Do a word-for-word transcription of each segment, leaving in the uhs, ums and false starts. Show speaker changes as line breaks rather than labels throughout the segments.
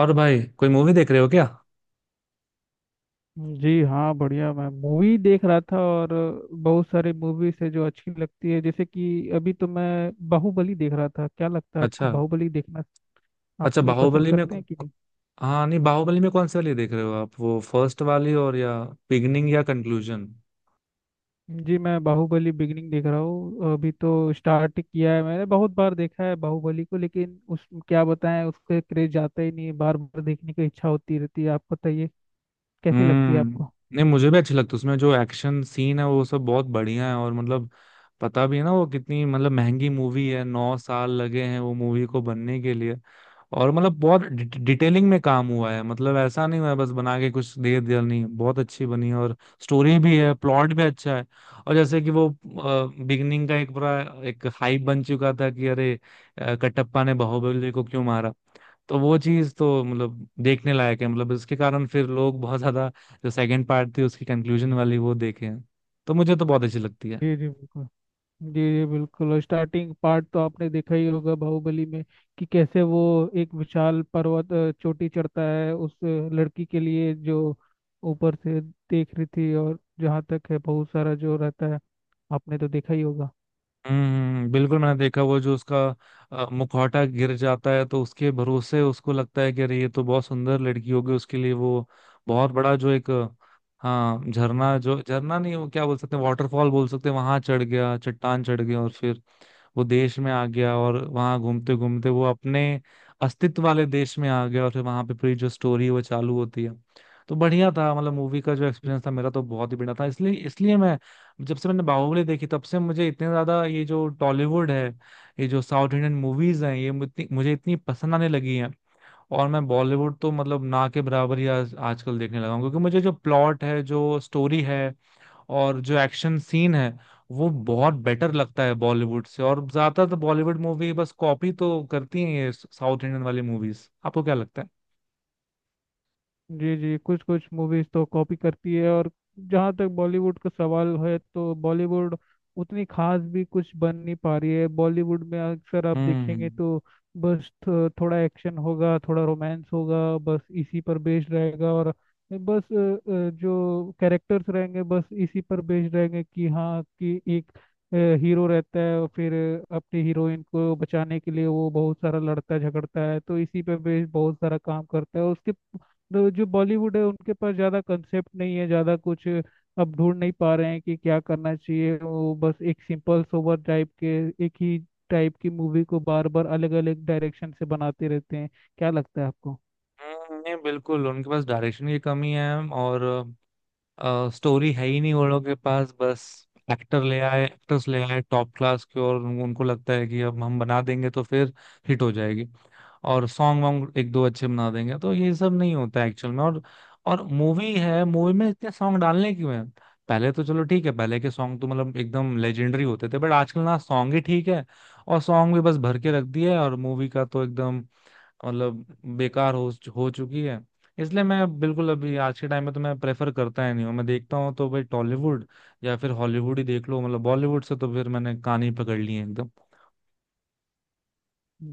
और भाई, कोई मूवी देख रहे हो क्या?
जी हाँ, बढ़िया। मैं मूवी देख रहा था। और बहुत सारी मूवीज है जो अच्छी लगती है, जैसे कि अभी तो मैं बाहुबली देख रहा था। क्या लगता है आपको
अच्छा।
बाहुबली देखना आप
अच्छा,
भी पसंद
बाहुबली में
करते
कु-
हैं कि नहीं?
हाँ, नहीं, बाहुबली में कौन सी वाली देख रहे हो आप? वो फर्स्ट वाली, और या बिगनिंग या कंक्लूजन?
जी, मैं बाहुबली बिगिनिंग देख रहा हूँ। अभी तो स्टार्ट किया है मैंने। बहुत बार देखा है बाहुबली को, लेकिन उस क्या बताएं, उसके क्रेज जाता ही नहीं है। बार बार देखने की इच्छा होती रहती है। आप बताइए, कैसी लगती है
हम्म।
आपको?
नहीं, मुझे भी अच्छी लगती है। उसमें जो एक्शन सीन है वो सब बहुत बढ़िया है। और मतलब पता भी है ना वो कितनी मतलब महंगी मूवी है। नौ साल लगे हैं वो मूवी को बनने के लिए। और मतलब बहुत डि- डिटेलिंग में काम हुआ है, मतलब ऐसा नहीं हुआ है बस बना के कुछ दे दिया। नहीं, बहुत अच्छी बनी है और स्टोरी भी है, प्लॉट भी अच्छा है। और जैसे कि वो बिगनिंग का एक बड़ा एक हाइप बन चुका था कि अरे अ, कटप्पा ने बाहुबली को क्यों मारा। तो वो चीज तो मतलब देखने लायक है, मतलब इसके कारण फिर लोग बहुत ज्यादा जो सेकंड पार्ट थी उसकी कंक्लूजन वाली वो देखे हैं। तो मुझे तो बहुत अच्छी लगती है।
जी जी बिल्कुल। जी जी बिल्कुल। और स्टार्टिंग पार्ट तो आपने देखा ही होगा बाहुबली में कि कैसे वो एक विशाल पर्वत अ, चोटी चढ़ता है उस अ, लड़की के लिए जो ऊपर से देख रही थी। और जहाँ तक है बहुत सारा जो रहता है आपने तो देखा ही होगा।
हम्म, बिल्कुल मैंने देखा। वो जो उसका अ, मुखौटा गिर जाता है तो उसके भरोसे उसको लगता है कि अरे ये तो बहुत सुंदर लड़की होगी, उसके लिए वो बहुत बड़ा जो एक अ, हाँ, झरना, जो झरना नहीं वो क्या बोल सकते हैं, वाटरफॉल बोल सकते हैं, वहां चढ़ गया, चट्टान चढ़ गया और फिर वो देश में आ गया, और वहां घूमते घूमते वो अपने अस्तित्व वाले देश में आ गया और फिर वहां पे पूरी जो स्टोरी है वो चालू होती है। तो बढ़िया था, मतलब मूवी का जो एक्सपीरियंस था मेरा तो बहुत ही बढ़िया था। इसलिए इसलिए मैं, जब से मैंने बाहुबली देखी तब से मुझे इतने ज्यादा ये जो टॉलीवुड है, ये जो साउथ इंडियन मूवीज हैं, ये मुझे मुझे इतनी पसंद आने लगी हैं। और मैं बॉलीवुड तो मतलब ना के बराबर ही आज आजकल देखने लगा हूँ क्योंकि मुझे जो प्लॉट है, जो स्टोरी है और जो एक्शन सीन है वो बहुत बेटर लगता है बॉलीवुड से। और ज्यादातर तो बॉलीवुड मूवी बस कॉपी तो करती हैं ये साउथ इंडियन वाली मूवीज। आपको क्या लगता है?
जी जी, कुछ कुछ मूवीज तो कॉपी करती है। और जहाँ तक बॉलीवुड का सवाल है, तो बॉलीवुड उतनी खास भी कुछ बन नहीं पा रही है। बॉलीवुड में अक्सर आप देखेंगे
हम्म।
तो बस थो- थोड़ा एक्शन होगा, थोड़ा रोमांस होगा, बस इसी पर बेस्ड रहेगा। और बस अ, अ, जो कैरेक्टर्स रहेंगे बस इसी पर बेस्ड रहेंगे कि हाँ, कि एक हीरो रहता है और फिर अपनी हीरोइन को बचाने के लिए वो बहुत सारा लड़ता झगड़ता है। तो इसी पर बेस्ड बहुत सारा काम करता है उसके। तो जो बॉलीवुड है उनके पास ज़्यादा कंसेप्ट नहीं है, ज़्यादा कुछ अब ढूंढ नहीं पा रहे हैं कि क्या करना चाहिए। वो बस एक सिंपल सोबर टाइप के एक ही टाइप की मूवी को बार बार अलग अलग डायरेक्शन से बनाते रहते हैं। क्या लगता है आपको?
हम्म, नहीं, बिल्कुल उनके पास डायरेक्शन की कमी है। और स्टोरी है ही नहीं उन लोगों के पास। बस एक्टर ले आए, एक्टर्स ले आए टॉप क्लास के, और उनको लगता है कि अब हम बना देंगे तो फिर हिट हो जाएगी। और सॉन्ग वॉन्ग एक दो अच्छे बना देंगे तो ये सब नहीं होता एक्चुअल में। और और मूवी है, मूवी में इतने सॉन्ग डालने क्यों हैं? पहले तो चलो ठीक है, पहले के सॉन्ग तो मतलब एकदम लेजेंडरी होते थे, बट आजकल ना सॉन्ग ही ठीक है और सॉन्ग भी बस भर के रख दिए है, और मूवी का तो एकदम, मतलब बेकार हो हो चुकी है। इसलिए मैं बिल्कुल अभी आज के टाइम में तो मैं प्रेफर करता ही नहीं हूँ। मैं देखता हूँ तो भाई टॉलीवुड या फिर हॉलीवुड ही देख लो, मतलब बॉलीवुड से तो फिर मैंने कान ही पकड़ लिए हैं एकदम।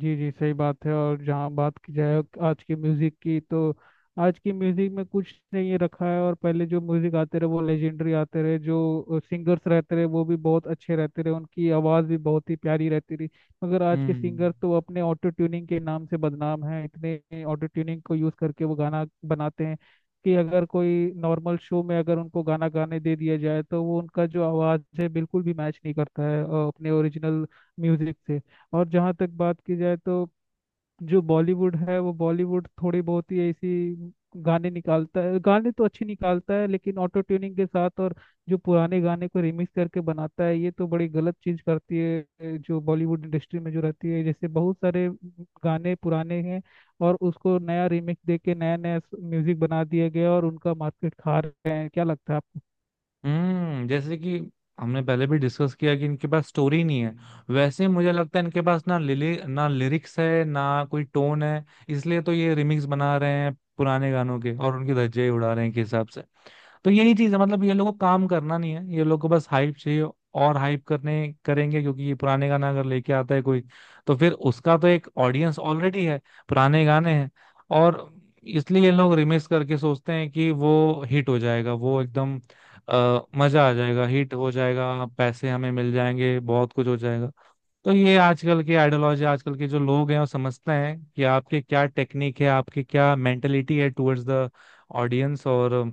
जी जी सही बात है। और जहाँ बात की जाए आज के म्यूजिक की, तो आज के म्यूजिक में कुछ नहीं रखा है। और पहले जो म्यूजिक आते रहे वो लेजेंडरी आते रहे। जो सिंगर्स रहते रहे वो भी बहुत अच्छे रहते रहे, उनकी आवाज़ भी बहुत ही प्यारी रहती रही। मगर आज के
हम्म।
सिंगर तो अपने ऑटो ट्यूनिंग के नाम से बदनाम है। इतने ऑटो ट्यूनिंग को यूज़ करके वो गाना बनाते हैं कि अगर कोई नॉर्मल शो में अगर उनको गाना गाने दे दिया जाए तो वो उनका जो आवाज़ है बिल्कुल भी मैच नहीं करता है अ, अपने ओरिजिनल म्यूजिक से। और जहाँ तक बात की जाए, तो जो बॉलीवुड है वो बॉलीवुड थोड़ी बहुत ही ऐसी गाने निकालता है। गाने तो अच्छे निकालता है लेकिन ऑटो ट्यूनिंग के साथ। और जो पुराने गाने को रिमिक्स करके बनाता है ये तो बड़ी गलत चीज करती है ए, जो बॉलीवुड इंडस्ट्री में जो रहती है। जैसे बहुत सारे गाने पुराने हैं और उसको नया रिमिक्स दे के नया नया म्यूजिक बना दिया गया और उनका मार्केट खा रहे हैं। क्या लगता है आपको?
हम्म, जैसे कि हमने पहले भी डिस्कस किया कि इनके पास स्टोरी नहीं है, वैसे ही मुझे लगता है इनके पास ना लिली, ना लिरिक्स है, ना कोई टोन है। इसलिए तो ये रिमिक्स बना रहे हैं पुराने गानों के और उनके धज्जे ही उड़ा रहे हैं, के हिसाब से। तो यही चीज है, मतलब ये लोगों को काम करना नहीं है, ये लोग को बस हाइप चाहिए। और हाइप करने करेंगे क्योंकि ये पुराने गाना अगर लेके आता है कोई तो फिर उसका तो एक ऑडियंस ऑलरेडी है, पुराने गाने हैं। और इसलिए ये लोग रिमिक्स करके सोचते हैं कि वो हिट हो जाएगा, वो एकदम अ, मजा आ जाएगा, हिट हो जाएगा, पैसे हमें मिल जाएंगे, बहुत कुछ हो जाएगा। तो ये आजकल के आइडियोलॉजी आजकल के जो लोग हैं वो समझते हैं कि आपके क्या टेक्निक है, आपकी क्या मेंटेलिटी है टुवर्ड्स द ऑडियंस। और अ,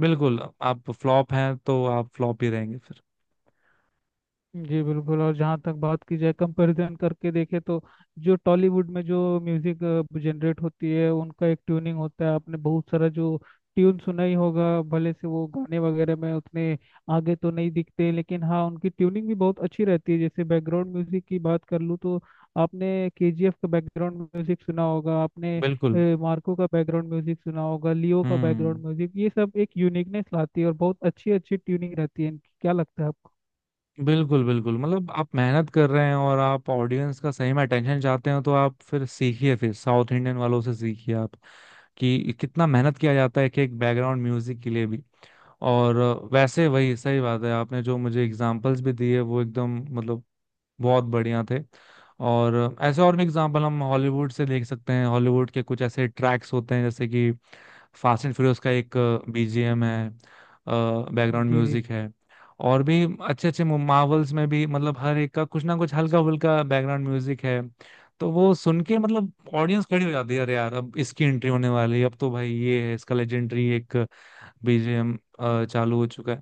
बिल्कुल आप फ्लॉप हैं तो आप फ्लॉप ही रहेंगे फिर।
जी बिल्कुल। और जहाँ तक बात की जाए, कंपैरिजन करके देखे तो जो टॉलीवुड में जो म्यूजिक जनरेट होती है उनका एक ट्यूनिंग होता है। आपने बहुत सारा जो ट्यून सुना ही होगा। भले से वो गाने वगैरह में उतने आगे तो नहीं दिखते, लेकिन हाँ उनकी ट्यूनिंग भी बहुत अच्छी रहती है। जैसे बैकग्राउंड म्यूजिक की बात कर लूँ तो आपने केजीएफ का बैकग्राउंड म्यूजिक सुना होगा, आपने
बिल्कुल।
अ, मार्को का बैकग्राउंड म्यूजिक सुना होगा, लियो का बैकग्राउंड
हम्म।
म्यूजिक। ये सब एक यूनिकनेस लाती है और बहुत अच्छी अच्छी ट्यूनिंग रहती है इनकी। क्या लगता है आपको?
बिल्कुल, बिल्कुल, मतलब आप मेहनत कर रहे हैं और आप ऑडियंस का सही में अटेंशन चाहते हो तो आप फिर सीखिए, फिर साउथ इंडियन वालों से सीखिए आप कि कितना मेहनत किया जाता है एक एक बैकग्राउंड म्यूजिक के लिए भी। और वैसे, वही सही बात है, आपने जो मुझे एग्जांपल्स भी दिए वो एकदम, मतलब बहुत बढ़िया थे। और ऐसे और भी एग्जांपल हम हॉलीवुड से देख सकते हैं। हॉलीवुड के कुछ ऐसे ट्रैक्स होते हैं जैसे कि फास्ट एंड फ्यूरियस का एक बी जी एम है, बैकग्राउंड
जी जी।
म्यूजिक है। और भी अच्छे अच्छे मार्वल्स में भी मतलब हर एक का कुछ ना कुछ हल्का फुल्का बैकग्राउंड म्यूजिक है। तो वो सुन के मतलब ऑडियंस खड़ी हो जाती है, अरे यार अब इसकी एंट्री होने वाली है, अब तो भाई ये है इसका लेजेंडरी एक बी जी एम चालू हो चुका है।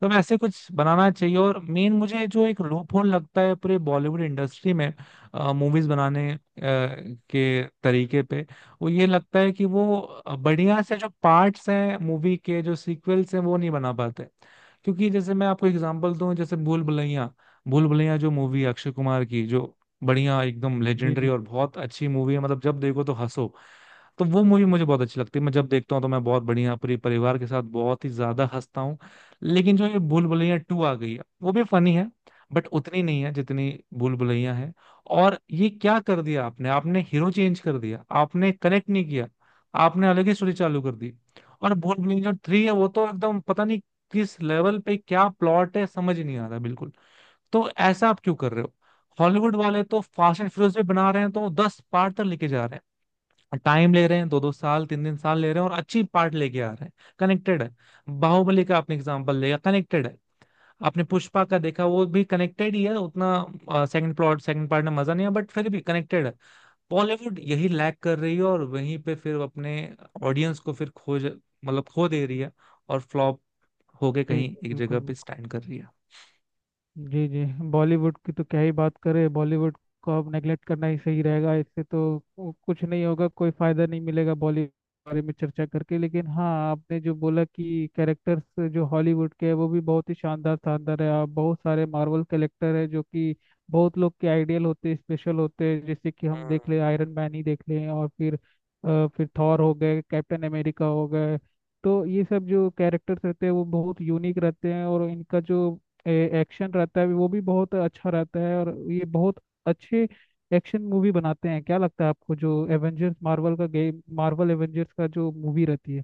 तो हम ऐसे कुछ बनाना चाहिए। और मेन मुझे जो एक लूप होल लगता है पूरे बॉलीवुड इंडस्ट्री में मूवीज बनाने अ, के तरीके पे, वो ये लगता है कि वो बढ़िया से जो पार्ट्स हैं मूवी के, जो सीक्वल्स हैं वो नहीं बना पाते। क्योंकि जैसे मैं आपको एग्जांपल दूं, जैसे भूल भुलैया, भूल भुलैया जो मूवी अक्षय कुमार की, जो बढ़िया एकदम
जी
लेजेंडरी
जी।
और बहुत अच्छी मूवी है, मतलब जब देखो तो हंसो। तो वो मूवी मुझे बहुत अच्छी लगती है, मैं जब देखता हूँ तो मैं बहुत बढ़िया पूरे परिवार के साथ बहुत ही ज्यादा हंसता हूँ। लेकिन जो ये भूल भुलैया टू आ गई है वो भी फनी है, बट उतनी नहीं है जितनी भूल भुलैया है। और ये क्या कर दिया आपने, आपने हीरो चेंज कर दिया, आपने कनेक्ट नहीं किया, आपने अलग ही स्टोरी चालू कर दी। और भूल भुलैया जो थ्री है वो तो एकदम पता नहीं किस लेवल पे क्या प्लॉट है, समझ ही नहीं आ रहा बिल्कुल। तो ऐसा आप क्यों कर रहे हो? हॉलीवुड वाले तो फास्ट एंड फ्यूरियस भी बना रहे हैं तो दस पार्ट तक लेके जा रहे हैं। टाइम ले रहे हैं, दो दो साल तीन तीन साल ले रहे हैं और अच्छी पार्ट लेके आ रहे हैं, कनेक्टेड है। बाहुबली का आपने एग्जांपल लिया, कनेक्टेड है। आपने पुष्पा का देखा, वो भी कनेक्टेड ही है, उतना सेकंड प्लॉट, सेकंड पार्ट में मजा नहीं है, बट फिर भी कनेक्टेड है। बॉलीवुड यही लैक कर रही है और वहीं पे फिर अपने ऑडियंस को फिर खोज, मतलब खो दे रही है। और फ्लॉप होके
जी
कहीं एक
बिल्कुल
जगह पे
बिल्कुल।
स्टैंड कर रही है।
जी जी। बॉलीवुड की तो क्या ही बात करें। बॉलीवुड को अब नेगलेक्ट करना ही सही रहेगा। इससे तो कु- कुछ नहीं होगा, कोई फायदा नहीं मिलेगा बॉलीवुड के बारे में चर्चा करके। लेकिन हाँ, आपने जो बोला कि कैरेक्टर्स जो हॉलीवुड के हैं वो भी बहुत ही शानदार शानदार है। आप बहुत सारे मार्वल कैरेक्टर है जो कि बहुत लोग के आइडियल होते हैं, स्पेशल होते हैं। जैसे कि हम
हम्म।
देख ले, आयरन मैन ही देख लें, और फिर अ, फिर थॉर हो गए, कैप्टन अमेरिका हो गए। तो ये सब जो कैरेक्टर्स रहते हैं वो बहुत यूनिक रहते हैं और इनका जो एक्शन रहता है वो भी बहुत अच्छा रहता है। और ये बहुत अच्छे एक्शन मूवी बनाते हैं। क्या लगता है आपको जो एवेंजर्स, मार्वल का गेम, मार्वल एवेंजर्स का जो मूवी रहती है?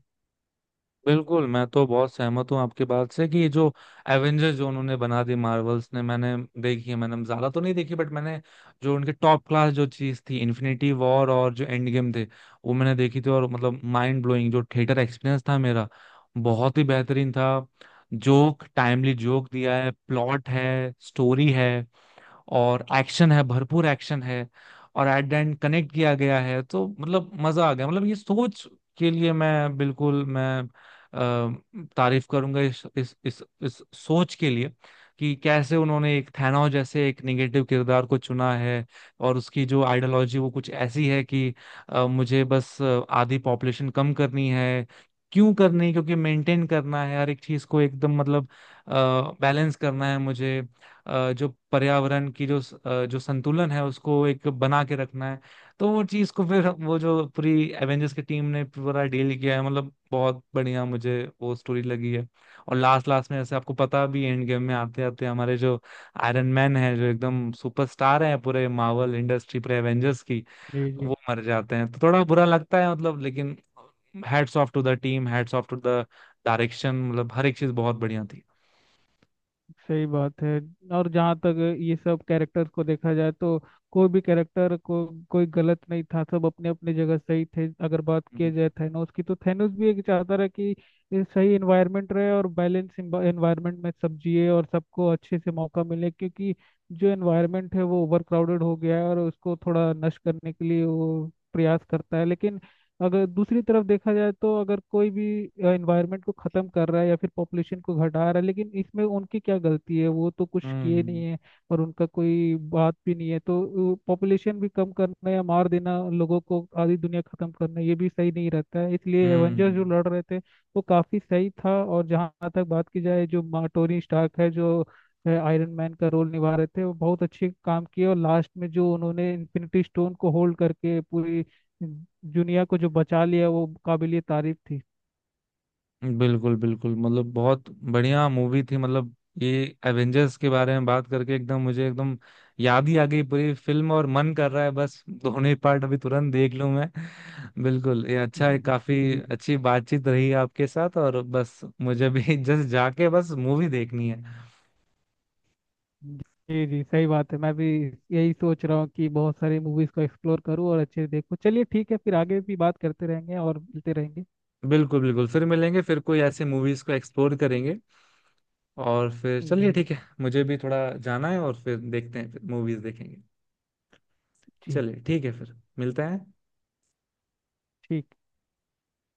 बिल्कुल, मैं तो बहुत सहमत हूँ आपकी बात से कि ये जो एवेंजर्स जो उन्होंने बना दी मार्वल्स ने, मैंने देखी है। मैंने ज्यादा तो नहीं देखी, बट मैंने जो उनके टॉप क्लास जो चीज थी इन्फिनिटी वॉर और जो एंड गेम थे, वो मैंने देखी थी। और मतलब माइंड ब्लोइंग जो थिएटर एक्सपीरियंस था मेरा बहुत ही बेहतरीन था। जोक, टाइमली जोक दिया है, प्लॉट है, स्टोरी है, और एक्शन है, भरपूर एक्शन है। और एट द एंड कनेक्ट किया गया है तो मतलब मजा आ गया, मतलब ये सोच के लिए मैं बिल्कुल मैं अ, तारीफ करूंगा इस इस इस इस सोच के लिए कि कैसे उन्होंने एक थैनोस जैसे एक निगेटिव किरदार को चुना है और उसकी जो आइडियोलॉजी वो कुछ ऐसी है कि अ, मुझे बस अ, आधी पॉपुलेशन कम करनी है। क्यों करनी? क्योंकि मेंटेन करना है हर एक चीज को एकदम, मतलब बैलेंस करना है मुझे। अ, जो पर्यावरण की जो स- अ, जो संतुलन है उसको एक बना के रखना है। तो वो चीज को फिर वो जो पूरी एवेंजर्स की टीम ने पूरा डील किया है, मतलब बहुत बढ़िया मुझे वो स्टोरी लगी है। और लास्ट लास्ट में ऐसे आपको पता भी, एंड गेम में आते आते हमारे जो आयरन मैन है जो एकदम सुपरस्टार है पूरे मार्वल इंडस्ट्री पूरे एवेंजर्स की,
जी जी
वो मर जाते हैं तो थोड़ा बुरा लगता है, मतलब। लेकिन hats off to the team, hats off to the direction, मतलब हर एक चीज बहुत बढ़िया थी।
सही बात है। और जहाँ तक ये सब कैरेक्टर्स को देखा जाए तो कोई भी कैरेक्टर को, कोई गलत नहीं था, सब अपने अपने जगह सही थे। अगर बात किया
हम्म।
जाए थैनोस की, तो थैनोस भी एक चाहता रहा कि ये सही एनवायरनमेंट रहे और बैलेंस एनवायरनमेंट में सब जिए और सबको अच्छे से मौका मिले, क्योंकि जो एनवायरनमेंट है वो ओवर क्राउडेड हो गया है और उसको थोड़ा नष्ट करने के लिए वो प्रयास करता है। लेकिन अगर दूसरी तरफ देखा जाए तो अगर कोई भी एनवायरनमेंट को ख़त्म कर रहा है या फिर पॉपुलेशन को घटा रहा है, लेकिन इसमें उनकी क्या गलती है, वो तो कुछ किए नहीं
हम्म।
है और उनका कोई बात भी नहीं है। तो पॉपुलेशन भी कम करना या मार देना लोगों को, आधी दुनिया ख़त्म करना, ये भी सही नहीं रहता है। इसलिए एवेंजर्स जो
हम्म।
लड़ रहे थे वो काफ़ी सही था। और जहाँ तक बात की जाए, जो मा- टोनी स्टार्क है जो आयरन मैन का रोल निभा रहे थे वो बहुत अच्छे काम किए और लास्ट में जो उन्होंने इन्फिनिटी स्टोन को होल्ड करके पूरी जुनिया को जो बचा लिया, वो काबिलियत तारीफ थी।
बिल्कुल, बिल्कुल, मतलब बहुत बढ़िया मूवी थी, मतलब। ये एवेंजर्स के बारे में बात करके एकदम मुझे एकदम याद ही आ गई पूरी फिल्म और मन कर रहा है बस दोनों पार्ट अभी तुरंत देख लूं मैं। बिल्कुल ये अच्छा है,
जी।
काफी
जी।
अच्छी बातचीत रही आपके साथ और बस मुझे भी जस्ट जाके बस मूवी देखनी है।
जी जी सही बात है। मैं भी यही सोच रहा हूँ कि बहुत सारी मूवीज को एक्सप्लोर करूँ और अच्छे से देखूँ। चलिए ठीक है, फिर आगे भी बात करते रहेंगे और मिलते रहेंगे।
बिल्कुल, बिल्कुल, फिर मिलेंगे, फिर कोई ऐसे मूवीज को एक्सप्लोर करेंगे। और फिर चलिए
जी।
ठीक है, मुझे भी थोड़ा जाना है और फिर देखते हैं, फिर मूवीज देखेंगे।
जी जी।
चलिए ठीक है, फिर मिलते हैं।
ठीक